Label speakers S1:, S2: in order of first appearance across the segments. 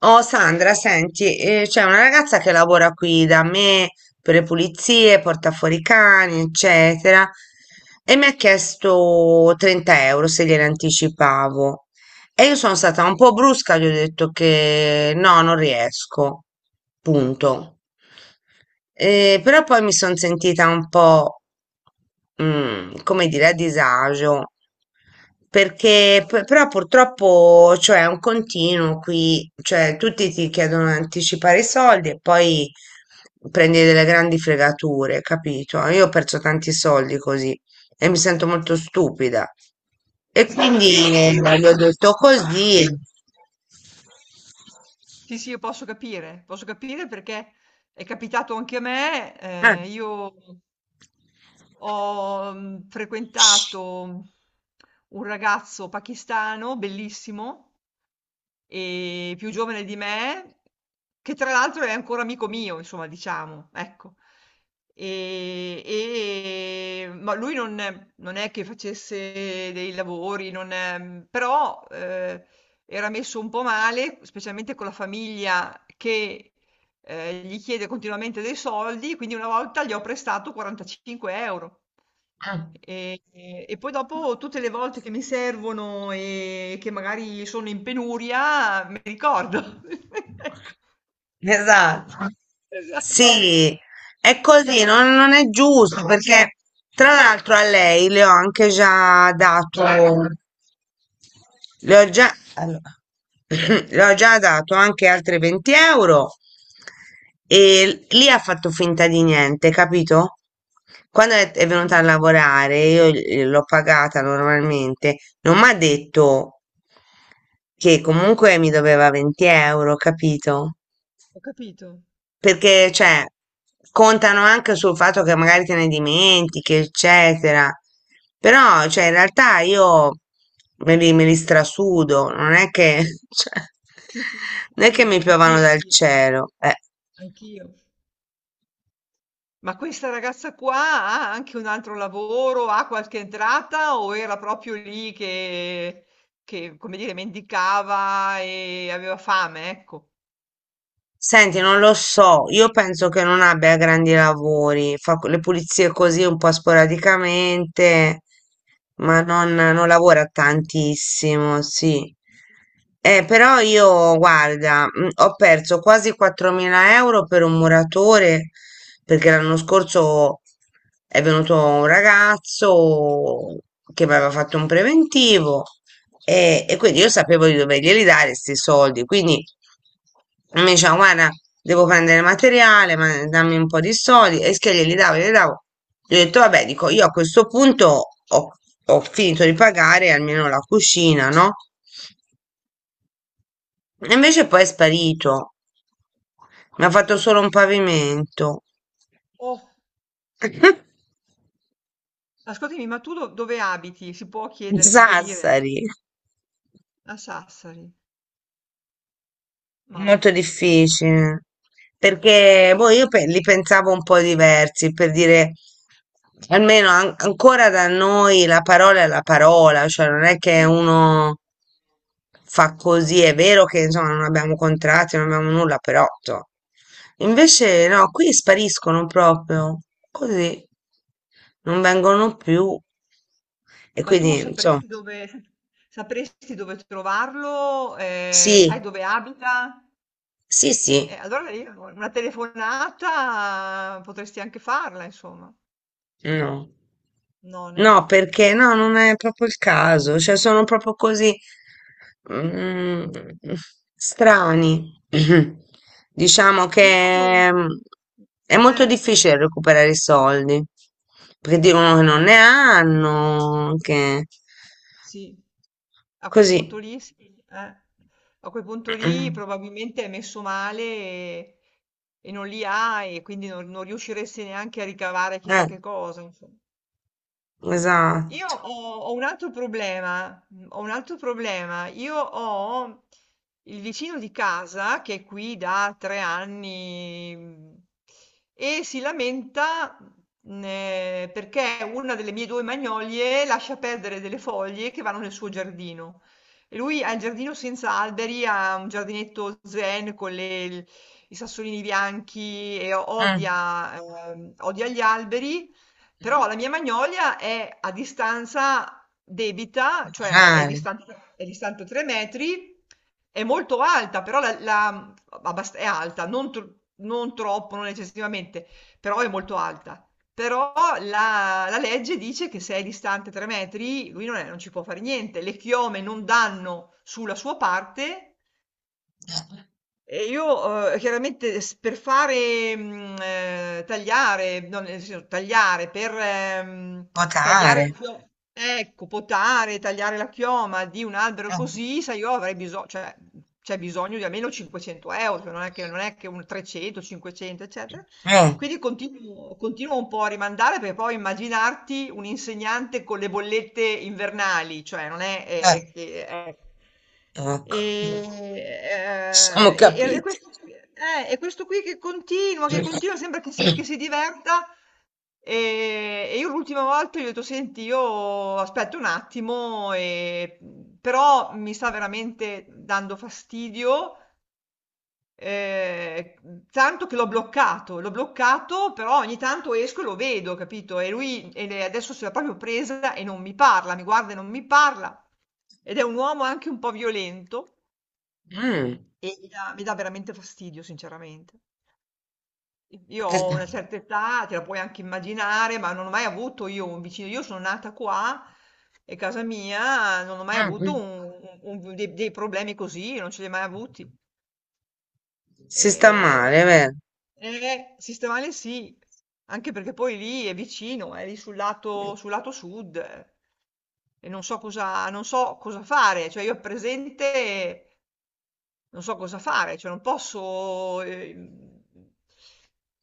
S1: Oh Sandra, senti, c'è una ragazza che lavora qui da me per le pulizie, porta fuori i cani, eccetera, e mi ha chiesto 30 euro se gliene anticipavo. E io sono stata un po' brusca, gli ho detto che no, non riesco, punto. Però poi mi sono sentita un po', come dire, a disagio, perché però purtroppo, cioè, è un continuo qui, cioè, tutti ti chiedono di anticipare i soldi e poi prendi delle grandi fregature, capito? Io ho perso tanti soldi così e mi sento molto stupida. E quindi eh, gli ho detto così.
S2: Sì, sì, io posso capire perché è capitato anche a me, io ho, frequentato un ragazzo pakistano bellissimo, più giovane di me, che tra l'altro è ancora amico mio, insomma, diciamo, ecco. E ma lui non è che facesse dei lavori, non è- però, era messo un po' male, specialmente con la famiglia che gli chiede continuamente dei soldi, quindi una volta gli ho prestato 45 €.
S1: Eh,
S2: E e poi dopo tutte le volte che mi servono e che magari sono in penuria, me li ricordo. Ecco,
S1: esatto.
S2: esatto.
S1: Sì, è così, non è giusto perché tra l'altro a lei le ho anche già dato, allora, le ho già dato anche altre 20 euro e lì ha fatto finta di niente, capito? Quando è venuta a
S2: Mh-mh.
S1: lavorare, io l'ho pagata normalmente, non mi ha detto che comunque mi doveva 20 euro, capito?
S2: Ho capito.
S1: Perché, cioè, contano anche sul fatto che magari te ne dimentichi, eccetera. Però, cioè, in realtà io me li strasudo, non è che, cioè,
S2: Sì, sì, sì,
S1: non è che
S2: sì,
S1: mi piovano dal cielo.
S2: anch'io. Ma questa ragazza qua ha anche un altro lavoro, ha qualche entrata o era proprio lì che, come dire, mendicava e aveva fame, ecco.
S1: Senti, non lo so, io penso che non abbia grandi lavori, fa le pulizie così un po' sporadicamente, ma non lavora tantissimo, sì. Però io, guarda, ho perso quasi 4.000 euro per un muratore, perché l'anno scorso è venuto un ragazzo che mi aveva fatto un preventivo e quindi io sapevo di doverglieli dare questi soldi, quindi mi diceva, guarda, devo prendere materiale, ma dammi un po' di soldi, e che glieli davo, glieli davo. Gli ho detto, vabbè, dico, io a questo punto ho, ho finito di pagare almeno la cucina, no? E invece poi è sparito, mi ha fatto solo un pavimento.
S2: Oh, ascoltami, ma tu dove abiti? Si può chiedere, si può dire?
S1: Sassari.
S2: A Sassari. Ma,
S1: Molto difficile, perché boh, io li pensavo un po' diversi, per dire, almeno ancora da noi la parola è la parola, cioè non è che
S2: eh,
S1: uno fa così, è vero che insomma non abbiamo contratti, non abbiamo nulla, però insomma. Invece no, qui spariscono proprio, così, non vengono più e
S2: ma tu
S1: quindi insomma,
S2: sapresti dove trovarlo? Sai
S1: sì,
S2: dove abita?
S1: sì, sì.
S2: Allora io una telefonata potresti anche farla, insomma.
S1: No.
S2: Non.
S1: No, perché no, non è proprio il caso, cioè sono proprio così mm, strani. Diciamo
S2: Io
S1: che è molto
S2: eh,
S1: difficile recuperare i soldi, perché dicono che non ne hanno, che
S2: sì, a quel punto
S1: così.
S2: lì sì, eh. A quel punto lì probabilmente è messo male e non li ha e quindi non riusciresti neanche a ricavare chissà
S1: Eh,
S2: che cosa, insomma.
S1: esatto.
S2: Ho un altro problema, ho un altro problema. Io ho il vicino di casa che è qui da 3 anni, e si lamenta, perché una delle mie due magnolie lascia perdere delle foglie che vanno nel suo giardino. E lui ha il giardino senza alberi, ha un giardinetto zen con i sassolini bianchi e
S1: Mm.
S2: odia, odia gli alberi. Però la mia magnolia è a distanza debita, cioè
S1: Votare.
S2: è distante 3 metri, è molto alta, però è alta, non troppo, non eccessivamente, però è molto alta. Però la, la legge dice che se è distante 3 metri, lui non ci può fare niente. Le chiome non danno sulla sua parte e io, chiaramente s per fare, tagliare, no, nel senso tagliare, per, mhmm, tagliare la
S1: Votare.
S2: chio ecco, potare, tagliare la chioma di un albero
S1: Eh,
S2: così, sai, io avrei biso cioè, c'è bisogno di almeno 500 euro, cioè non è che un 300, 500, eccetera.
S1: eh,
S2: Quindi continuo un po' a rimandare, perché poi immaginarti un insegnante con le bollette invernali, cioè non è
S1: eh,
S2: è che eh.
S1: Ecco.
S2: Ehm,
S1: Ci siamo
S2: e eh, e e
S1: capiti.
S2: questo qui questo qui che continua, sembra
S1: Mm.
S2: che si diverta, ehm, e io l'ultima volta gli ho detto: "Senti, io aspetto un attimo, però mi sta veramente dando fastidio". Mhmm, Tanto che l'ho bloccato, però ogni tanto esco e lo vedo, capito, e lui e le adesso se l'è proprio presa e non mi parla, mi guarda e non mi parla. Ed è un uomo anche un po' violento
S1: Mm.
S2: e mi dà veramente fastidio, sinceramente. I Io ho una certa età, te la puoi anche immaginare, ma non ho mai avuto io un vicino, io sono nata qua, è casa mia, non ho mai avuto un dei dei problemi così, non ce li ho mai avuti.
S1: Si sta
S2: E...
S1: male, vero?
S2: Sistemale sì, anche perché poi lì è vicino, è lì sul lato sud e non so cosa fare, cioè io a presente non so cosa fare, cioè non posso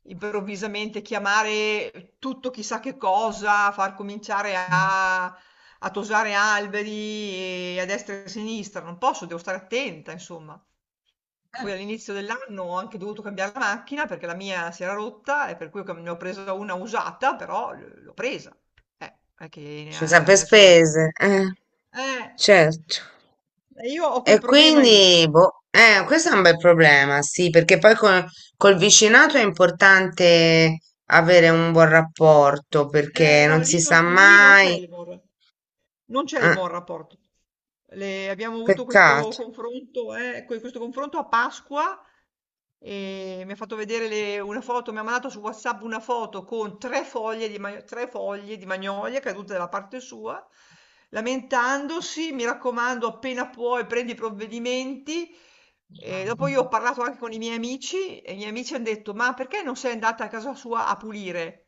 S2: improvvisamente chiamare tutto chissà che cosa, far cominciare a, a tosare alberi e a destra e a sinistra, non posso, devo stare attenta, insomma. Poi all'inizio dell'anno ho anche dovuto cambiare la macchina perché la mia si era rotta e per cui co ne ho presa una usata, però l'ho presa. Non è che ne
S1: Sono
S2: ha
S1: sempre
S2: adesso eh.
S1: spese, certo.
S2: E io ho quel
S1: E
S2: problema lì.
S1: quindi, boh, questo è un bel problema, sì, perché poi col vicinato è importante avere un buon rapporto,
S2: Eh
S1: perché
S2: no,
S1: non si sa
S2: lì non c'è
S1: mai.
S2: il buon ra non c'è il
S1: eh,
S2: buon rapporto. Abbiamo avuto questo
S1: Peccato.
S2: confronto, questo confronto a Pasqua e mi ha fatto vedere una foto, mi ha mandato su WhatsApp una foto con 3 foglie di magnolia cadute dalla parte sua, lamentandosi, mi raccomando, appena puoi prendi i provvedimenti. E dopo io ho
S1: Mm.
S2: parlato anche con i miei amici e i miei amici hanno detto, ma perché non sei andata a casa sua a pulire?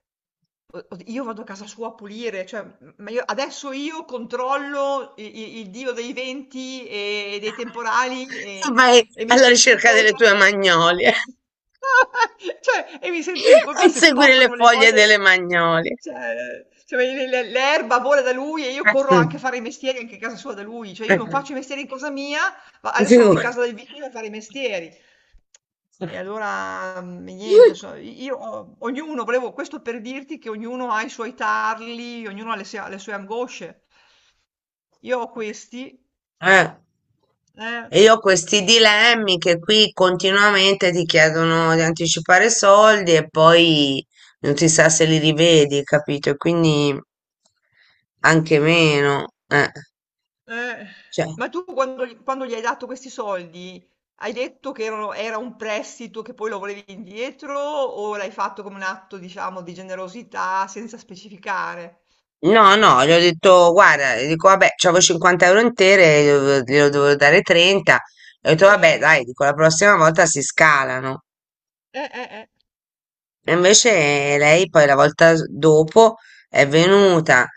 S2: Io vado a casa sua a pulire, cioè, ma io, adesso io controllo il, dio dei venti e dei temporali
S1: Vai
S2: e mi
S1: alla
S2: sento in
S1: ricerca delle
S2: colpa.
S1: tue magnolie.
S2: Cioè, e mi sento in
S1: A
S2: colpa se
S1: inseguire le
S2: spostano le
S1: foglie delle
S2: foglie.
S1: magnolie.
S2: Cioè, cioè, l'erba vola da lui e io corro
S1: Eh,
S2: anche a fare i mestieri anche a casa sua da lui. Cioè, io non
S1: mm,
S2: faccio i mestieri in casa mia, ma adesso vado in
S1: figurati.
S2: casa del vicino a fare i mestieri. E allora, niente, so io ho ognuno volevo questo per dirti che ognuno ha i suoi tarli, ognuno ha le sue angosce. Io ho questi
S1: Eh,
S2: eh,
S1: e io ho questi dilemmi che qui continuamente ti chiedono di anticipare soldi e poi non si sa se li rivedi, capito? E quindi anche meno.
S2: eh.
S1: Cioè,
S2: Ma tu quando gl quando gli hai dato questi soldi, hai detto che era un prestito che poi lo volevi indietro o l'hai fatto come un atto, diciamo, di generosità senza specificare?
S1: no, no, gli ho detto, guarda, gli dico, vabbè, c'avevo 50 euro intere, glielo dovevo dare 30. Ho detto, vabbè,
S2: Eh,
S1: dai, dico, la prossima volta si scalano.
S2: eh, eh, eh,
S1: E invece lei poi la volta dopo è venuta,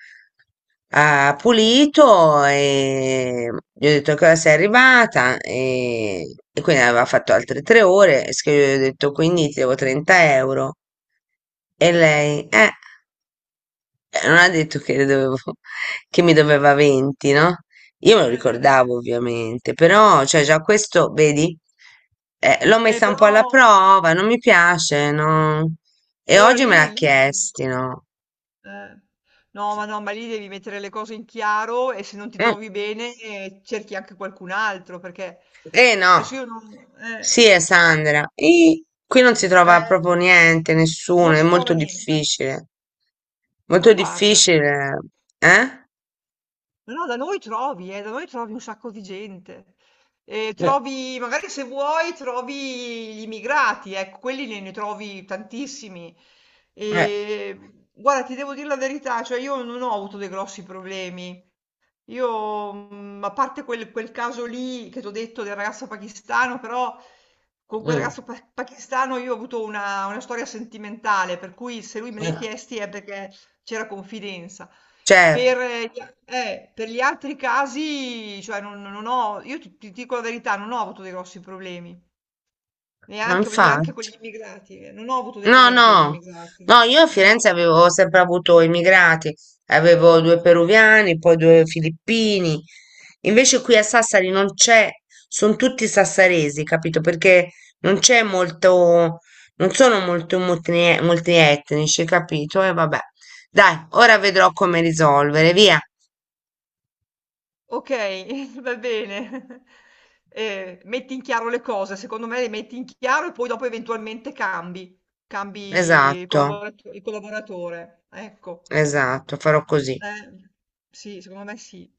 S1: ha pulito e gli ho detto che ora sei arrivata e quindi aveva fatto altre 3 ore, che gli ho detto quindi ti devo 30 euro. E lei. Non ha detto che le dovevo, che mi doveva 20, no? Io me lo
S2: eh.
S1: ricordavo ovviamente, però, cioè, già questo, vedi, l'ho messa un po' alla
S2: Però
S1: prova, non mi piace,
S2: eh,
S1: no? E
S2: allora
S1: oggi me l'ha
S2: lì
S1: chiesti, no?
S2: eh. No, ma lì devi mettere le cose in chiaro e se non ti
S1: Mm,
S2: trovi bene cerchi anche qualcun altro perché
S1: eh
S2: adesso io
S1: no,
S2: non,
S1: sì, è Sandra. E qui non si trova
S2: eh,
S1: proprio niente, nessuno,
S2: non
S1: è
S2: ci trova niente. Ma
S1: molto
S2: guarda,
S1: difficile, eh?
S2: ma no, da noi trovi un sacco di gente. E
S1: Eh,
S2: trovi, magari se vuoi, trovi gli immigrati, ecco, quelli ne, ne trovi tantissimi.
S1: eh,
S2: E guarda, ti devo dire la verità, cioè io non ho avuto dei grossi problemi. Io, a parte quel caso lì che t'ho detto del ragazzo pakistano, però con quel
S1: mm,
S2: ragazzo pa pakistano io ho avuto una storia sentimentale, per cui se lui me li ha
S1: eh,
S2: chiesti è perché c'era confidenza.
S1: certo,
S2: Per gli altri casi, cioè non non ho io ti ti dico la verità, non ho avuto dei grossi problemi,
S1: ma
S2: neanche voglio dire anche con
S1: infatti.
S2: gli immigrati, non ho avuto dei
S1: No,
S2: problemi con gli
S1: no,
S2: immigrati.
S1: no, io a
S2: Eh.
S1: Firenze avevo sempre avuto immigrati, avevo due peruviani, poi due filippini, invece qui a Sassari non c'è, sono tutti sassaresi, capito? Perché non c'è molto, non sono molto multietnici, capito? E vabbè, dai, ora vedrò come risolvere, via.
S2: Okay, va bene. Metti in chiaro le cose, secondo me le metti in chiaro e poi dopo eventualmente cambi, cambi
S1: Esatto,
S2: il collaboratore, ecco.
S1: esatto, farò così.
S2: Eh, sì, secondo me sì.